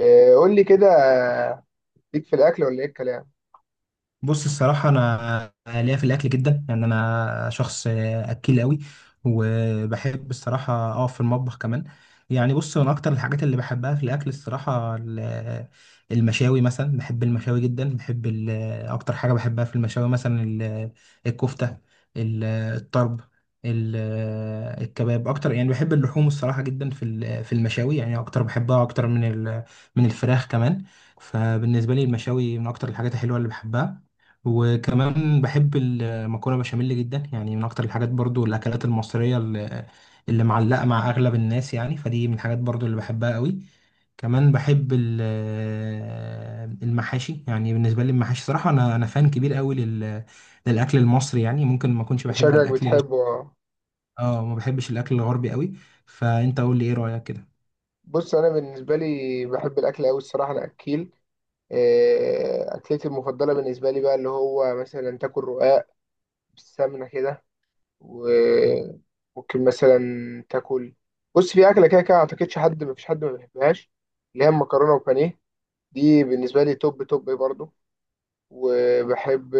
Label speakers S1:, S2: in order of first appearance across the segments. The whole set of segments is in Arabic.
S1: إيه، قول لي كده. ليك في الأكل ولا إيه الكلام؟
S2: بص، الصراحة أنا ليا في الأكل جدا، يعني أنا شخص أكيل أوي، وبحب الصراحة أقف في المطبخ كمان. يعني بص، أنا أكتر الحاجات اللي بحبها في الأكل الصراحة المشاوي، مثلا بحب المشاوي جدا، بحب أكتر حاجة بحبها في المشاوي مثلا الكفتة، ال- الطرب، ال- الكباب أكتر، يعني بحب اللحوم الصراحة جدا في المشاوي، يعني أكتر بحبها أكتر من الفراخ كمان. فبالنسبة لي المشاوي من أكتر الحاجات الحلوة اللي بحبها، وكمان بحب المكرونه بشاميل جدا، يعني من اكتر الحاجات برضو الاكلات المصريه اللي معلقه مع اغلب الناس، يعني فدي من الحاجات برضو اللي بحبها قوي. كمان بحب المحاشي، يعني بالنسبه لي المحاشي صراحه، انا فان كبير قوي للاكل المصري، يعني ممكن ما اكونش بحب
S1: شكلك
S2: الاكل
S1: بتحبه. آه.
S2: ما بحبش الاكل الغربي قوي. فانت قول لي ايه رايك كده؟
S1: بص، أنا بالنسبة لي بحب الأكل أوي الصراحة. أنا أكيل إيه، أكلتي المفضلة بالنسبة لي بقى اللي هو مثلا تاكل رقاق بالسمنة كده، وممكن مثلا تاكل. بص، في أكلة كده كده أعتقدش حد، مفيش حد ما بيحبهاش، اللي هي المكرونة وبانيه. دي بالنسبة لي توب توب برضه. وبحب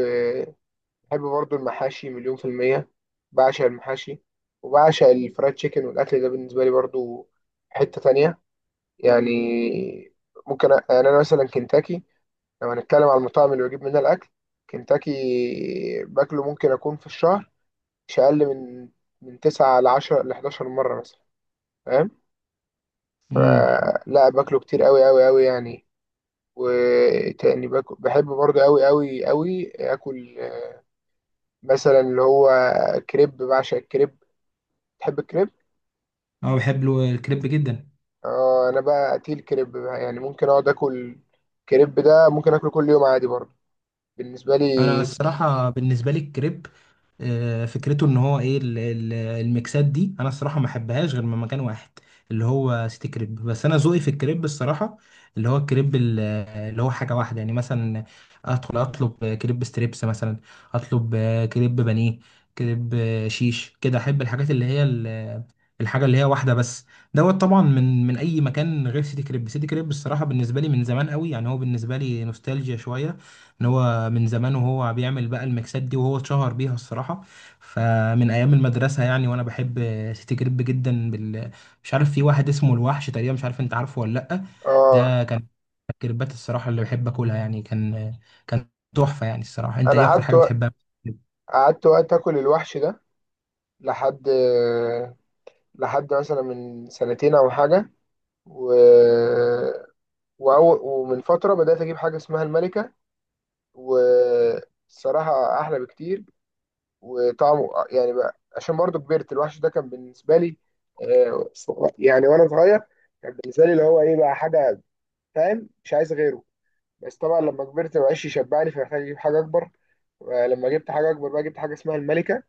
S1: بحب برضو المحاشي مليون في المية. بعشق المحاشي. وبعشق الفرايد تشيكن والأكل ده بالنسبة لي برضو حتة تانية يعني. ممكن يعني أنا مثلا كنتاكي، لو هنتكلم على المطاعم اللي بجيب منها الأكل. كنتاكي باكله ممكن أكون في الشهر مش أقل من 9 ل10 ل11 مرة مثلا. فاهم؟
S2: امم.
S1: فلا، باكله كتير أوي أوي أوي يعني. وتاني باكل، بحب برضو أوي أوي أوي آكل مثلا اللي هو كريب. بعشق الكريب. تحب الكريب؟
S2: اه، بحب له الكريب جدا.
S1: اه، انا بقى قتيل كريب بقى، يعني ممكن اقعد اكل كريب. ده ممكن اكله كل يوم عادي برضه، بالنسبه
S2: انا
S1: لي.
S2: الصراحه بالنسبه لي الكريب، فكرته ان هو ايه الميكسات دي، انا الصراحه ما احبهاش غير من مكان واحد اللي هو سيتي كريب، بس انا ذوقي في الكريب الصراحه اللي هو الكريب، اللي هو حاجه واحده، يعني مثلا ادخل اطلب كريب ستريبس مثلا، اطلب كريب بانيه، كريب شيش كده، احب الحاجات الحاجه اللي هي واحده بس دوت. طبعا من اي مكان غير سيتي كريب. سيتي كريب الصراحه بالنسبه لي من زمان قوي، يعني هو بالنسبه لي نوستالجيا شويه، ان هو من زمان وهو بيعمل بقى الميكسات دي وهو اتشهر بيها الصراحة. فمن ايام المدرسة يعني، وانا بحب سيتي جريب جدا مش عارف في واحد اسمه الوحش تقريبا، مش عارف انت عارفه ولا لأ؟ ده
S1: اه،
S2: كان الكريبات الصراحة اللي بحب اكلها، يعني كان تحفة، يعني الصراحة انت
S1: انا
S2: ايه اكتر
S1: قعدت
S2: حاجة بتحبها؟
S1: قعدت وقت اكل الوحش ده لحد لحد مثلا من سنتين او حاجه. و... ومن فتره بدات اجيب حاجه اسمها الملكه. والصراحه احلى بكتير. وطعمه يعني بقى عشان برضه كبرت. الوحش ده كان بالنسبه لي آه، يعني وانا صغير، كان بالنسبه لي اللي هو ايه بقى حاجه، فاهم؟ مش عايز غيره. بس طبعا لما كبرت مبقاش يشبعني، فمحتاج اجيب حاجه اكبر. لما جبت حاجه اكبر بقى، جبت حاجه اسمها الملكه.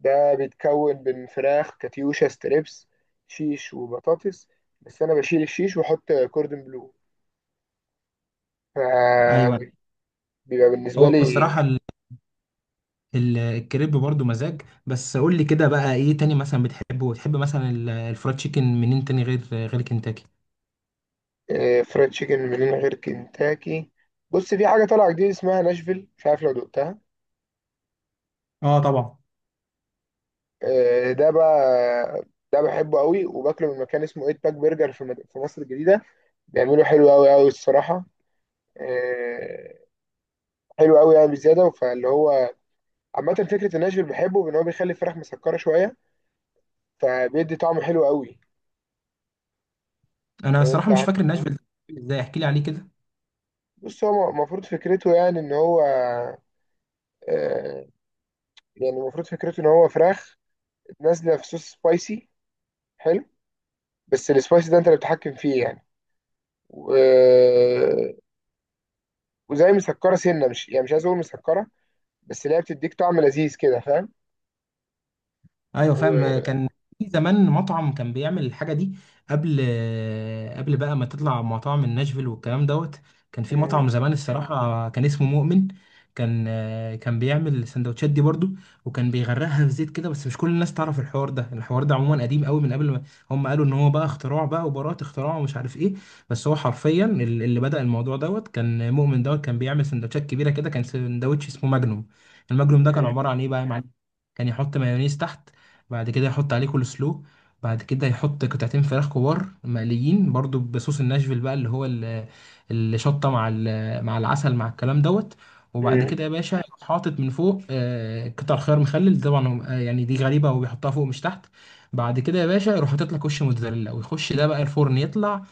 S1: ده بيتكون من فراخ كاتيوشا ستريبس، شيش وبطاطس، بس انا بشيل الشيش واحط كوردن بلو،
S2: ايوه.
S1: فبيبقى بالنسبه
S2: هو
S1: لي.
S2: الصراحة الكريب برضو مزاج، بس قول لي كده بقى، ايه تاني مثلا بتحبه، وتحب مثلا الفرايد تشيكن منين تاني غير كنتاكي؟
S1: فرايد تشيكن من غير كنتاكي. بص، في حاجه طالعه جديده اسمها ناشفيل، مش عارف لو دقتها.
S2: اه، طبعا.
S1: ده بقى ده بحبه قوي، وباكله من مكان اسمه ايت باك برجر في في مصر الجديده. بيعملوا حلو قوي قوي الصراحه. آه، حلو قوي يعني بزياده، فاللي هو عامه فكره الناشفيل، بحبه ان هو بيخلي الفراخ مسكره شويه، فبيدي طعم حلو قوي.
S2: انا
S1: لو انت
S2: الصراحه مش فاكر
S1: عارفه.
S2: ناشفيل، ازاي احكي لي عليه كده.
S1: بص، هو المفروض فكرته يعني ان هو آه، يعني المفروض فكرته ان هو فراخ نازله في صوص سبايسي حلو، بس السبايسي ده انت اللي بتتحكم فيه يعني. و... وزي مسكره سنه، مش يعني مش عايز اقول مسكره، بس اللي هي بتديك طعم لذيذ كده، فاهم؟
S2: ايوه، فاهم.
S1: و
S2: كان في زمان مطعم كان بيعمل الحاجه دي، قبل قبل بقى ما تطلع مطاعم الناشفيل والكلام دوت. كان في
S1: مم.
S2: مطعم زمان الصراحه كان اسمه مؤمن، كان كان بيعمل السندوتشات دي برضو، وكان بيغرقها في زيت كده، بس مش كل الناس تعرف الحوار ده، الحوار ده عموما قديم قوي، من قبل ما هم قالوا ان هو بقى اختراع بقى وبراءة اختراع ومش عارف ايه. بس هو حرفيا اللي بدأ الموضوع دوت كان مؤمن دوت، كان بيعمل سندوتشات كبيره كده، كان سندوتش اسمه ماجنوم. الماجنوم ده كان
S1: مم.
S2: عباره عن ايه بقى يا معلم؟ كان يحط مايونيز تحت، بعد كده يحط عليه كول سلو، بعد كده يحط قطعتين فراخ كبار مقليين برضو بصوص الناشفيل بقى، اللي هو الشطة مع العسل مع الكلام دوت. وبعد
S1: مم.
S2: كده يا باشا يروح حاطط من فوق قطع خيار مخلل، طبعا يعني دي غريبة، هو بيحطها فوق مش تحت. بعد كده يا باشا يروح حاطط لك وش موتزاريلا ويخش ده بقى الفرن يطلع.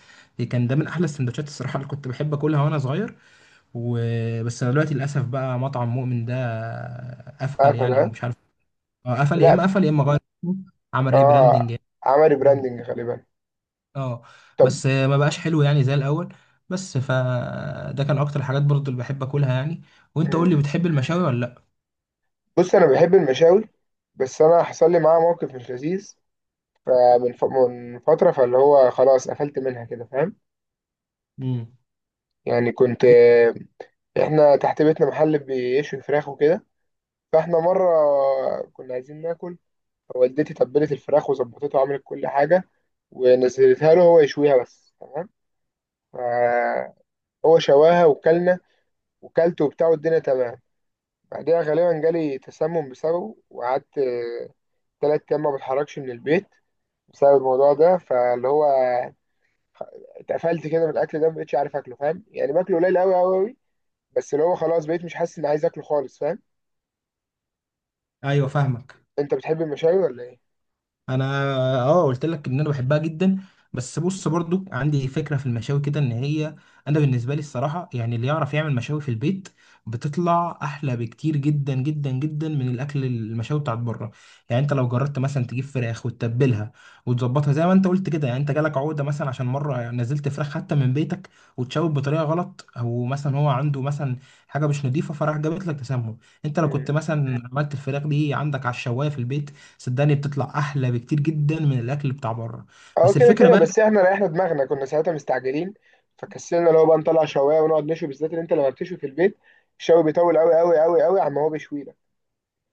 S2: كان ده من احلى السندوتشات الصراحه اللي كنت بحب اكلها وانا صغير. وبس انا دلوقتي للاسف بقى مطعم مؤمن ده قفل
S1: قفل،
S2: يعني، او
S1: ها؟
S2: مش عارف. آه، قفل، يا
S1: لا.
S2: اما قفل يا اما غير اسمه، عمل ريبراندنج
S1: اه،
S2: يعني.
S1: عمل
S2: مم.
S1: براندنج غالبا.
S2: اه.
S1: طب.
S2: بس ما بقاش حلو يعني زي الاول. بس فده كان اكتر الحاجات برضو اللي بحب اكلها يعني. وانت قول لي،
S1: مم،
S2: بتحب المشاوي ولا لا؟
S1: بص انا بحب المشاوي، بس انا حصل لي معاها موقف مش لذيذ من فتره، فاللي هو خلاص قفلت منها كده، فاهم؟
S2: امم.
S1: يعني كنت. احنا تحت بيتنا محل بيشوي فراخ وكده، فاحنا مره كنا عايزين ناكل، فوالدتي تبلت الفراخ وظبطتها وعملت كل حاجه، ونزلتها له هو يشويها بس تمام، فهو شواها وكلنا، وكلت وبتاع والدنيا تمام. بعدها غالبا جالي تسمم بسببه، وقعدت 3 أيام ما بتحركش من البيت بسبب الموضوع ده، فاللي هو اتقفلت كده من الأكل ده، مبقتش عارف أكله، فاهم؟ يعني باكله قليل أوي أوي أوي، بس اللي هو خلاص بقيت مش حاسس إني عايز أكله خالص، فاهم؟
S2: ايوه، فاهمك.
S1: أنت بتحب المشاوي ولا إيه؟
S2: انا، اه قلت لك ان انا بحبها جدا، بس بص برضو عندي فكره في المشاوي كده، ان هي، انا بالنسبه لي الصراحه، يعني اللي يعرف يعمل مشاوي في البيت بتطلع احلى بكتير جدا جدا جدا من الاكل المشاوي بتاعت بره. يعني انت لو جربت مثلا تجيب فراخ وتتبلها وتظبطها زي ما انت قلت كده، يعني انت جالك عقده مثلا عشان مره نزلت فراخ حتى من بيتك وتشوي بطريقه غلط، او مثلا هو عنده مثلا حاجه مش نظيفه فراح جابت لك تسمم. انت لو
S1: مم.
S2: كنت مثلا عملت الفراخ دي عندك على الشوايه في البيت، صدقني بتطلع احلى بكتير جدا من الاكل بتاع بره.
S1: أه،
S2: بس
S1: كده
S2: الفكره
S1: كده.
S2: بقى،
S1: بس إحنا ريحنا دماغنا، كنا ساعتها مستعجلين، فكسلنا اللي هو بقى نطلع شواية ونقعد نشوي، بالذات إن أنت لما بتشوي في البيت الشوي بيطول أوي أوي أوي أوي عما هو بيشوي لك.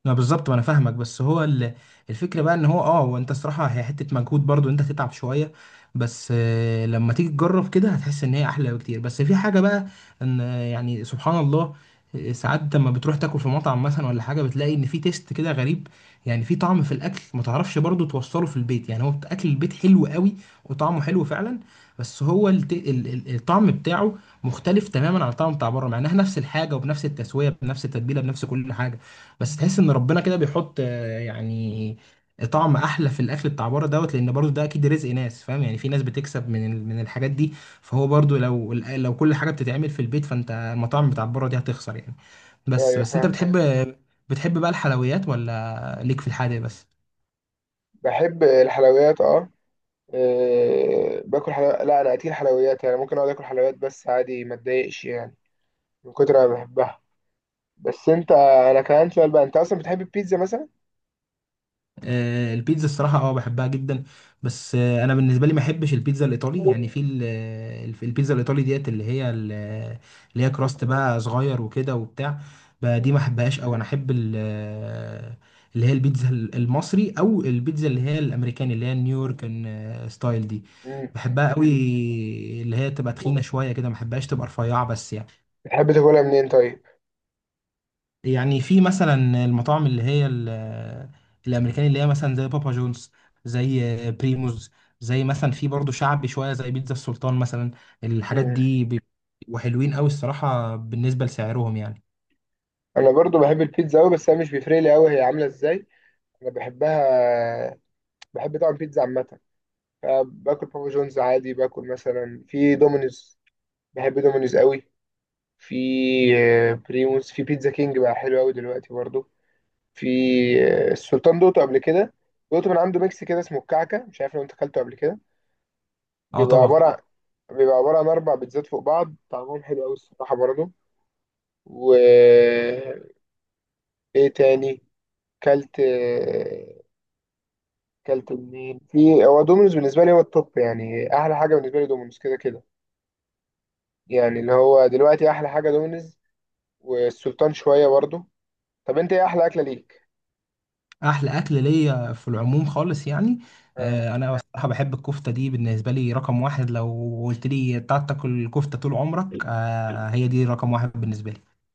S2: لا بالظبط ما انا فاهمك، بس هو الفكره بقى ان هو، وانت الصراحه هي حته مجهود برضو، انت تتعب شويه، بس لما تيجي تجرب كده هتحس ان هي احلى بكتير. بس في حاجه بقى، ان يعني سبحان الله، ساعات لما بتروح تاكل في مطعم مثلا ولا حاجه بتلاقي ان في تيست كده غريب، يعني في طعم في الاكل ما تعرفش برضو توصله في البيت، يعني هو اكل البيت حلو قوي وطعمه حلو فعلا، بس هو الطعم بتاعه مختلف تماما عن الطعم بتاع بره، مع انها نفس الحاجه وبنفس التسويه بنفس التتبيله بنفس كل حاجه. بس تحس ان ربنا كده بيحط يعني طعم احلى في الاكل بتاع بره دوت، لان برضو ده اكيد رزق ناس، فاهم يعني في ناس بتكسب من الحاجات دي، فهو برضو لو كل حاجه بتتعمل في البيت فانت المطاعم بتاع بره دي هتخسر يعني. بس
S1: أيوه
S2: بس انت
S1: فاهم.
S2: بتحب، أيوة. بتحب بقى الحلويات ولا ليك في الحادق بس؟
S1: بحب الحلويات، أه. أه، باكل حلويات. لا، انا اكل حلويات يعني، ممكن اقعد اكل حلويات بس عادي ما اتضايقش يعني، من كتر ما بحبها. بس انت، انا كان عندي سؤال بقى، انت اصلا بتحب البيتزا مثلا؟
S2: آه، البيتزا الصراحة، بحبها جدا، بس انا بالنسبة لي ما احبش البيتزا الايطالي، يعني في البيتزا الايطالي ديت، اللي هي كراست بقى صغير وكده وبتاع، دي
S1: مم.
S2: ما احبهاش، او انا احب اللي هي البيتزا المصري، او البيتزا اللي هي الامريكاني، اللي هي النيويورك ستايل دي
S1: مم.
S2: بحبها قوي، اللي هي تبقى تخينة شوية كده، ما احبهاش تبقى رفيعة بس، يعني
S1: بتحب تاكلها منين طيب؟
S2: يعني في مثلا المطاعم الامريكاني، اللي هي مثلا زي بابا جونز، زي بريموز، زي مثلا في برضه شعبي شويه زي بيتزا السلطان مثلا، الحاجات
S1: مم.
S2: دي وحلوين قوي الصراحه بالنسبه لسعرهم يعني.
S1: انا برضو بحب البيتزا قوي، بس انا مش بيفرق لي قوي هي عامله ازاي. انا بحبها. بحب طبعا بيتزا عامه، فباكل بابا جونز عادي، باكل مثلا في دومينوز. بحب دومينوز قوي. في بريموس، في بيتزا كينج بقى حلو قوي دلوقتي برضو. في السلطان دوتو قبل كده، دوتو من عنده ميكس كده اسمه الكعكه، مش عارف لو انت اكلته قبل كده.
S2: اه،
S1: بيبقى عباره
S2: طبعا.
S1: عن بيبقى عباره عن اربع بيتزات فوق بعض، طعمهم حلو قوي الصراحه برضه. و ايه تاني، كلت كلت منين. في هو دومينوز بالنسبه لي هو التوب يعني، احلى حاجه بالنسبه لي دومينوز كده كده. يعني اللي هو دلوقتي احلى حاجه دومينوز والسلطان شويه برضه. طب انت ايه احلى اكله ليك؟
S2: احلى اكل ليا في العموم خالص يعني،
S1: آه.
S2: انا بصراحه بحب الكفته دي، بالنسبه لي رقم واحد، لو قلت لي تعال تاكل الكفته طول عمرك، هي دي رقم واحد بالنسبه لي.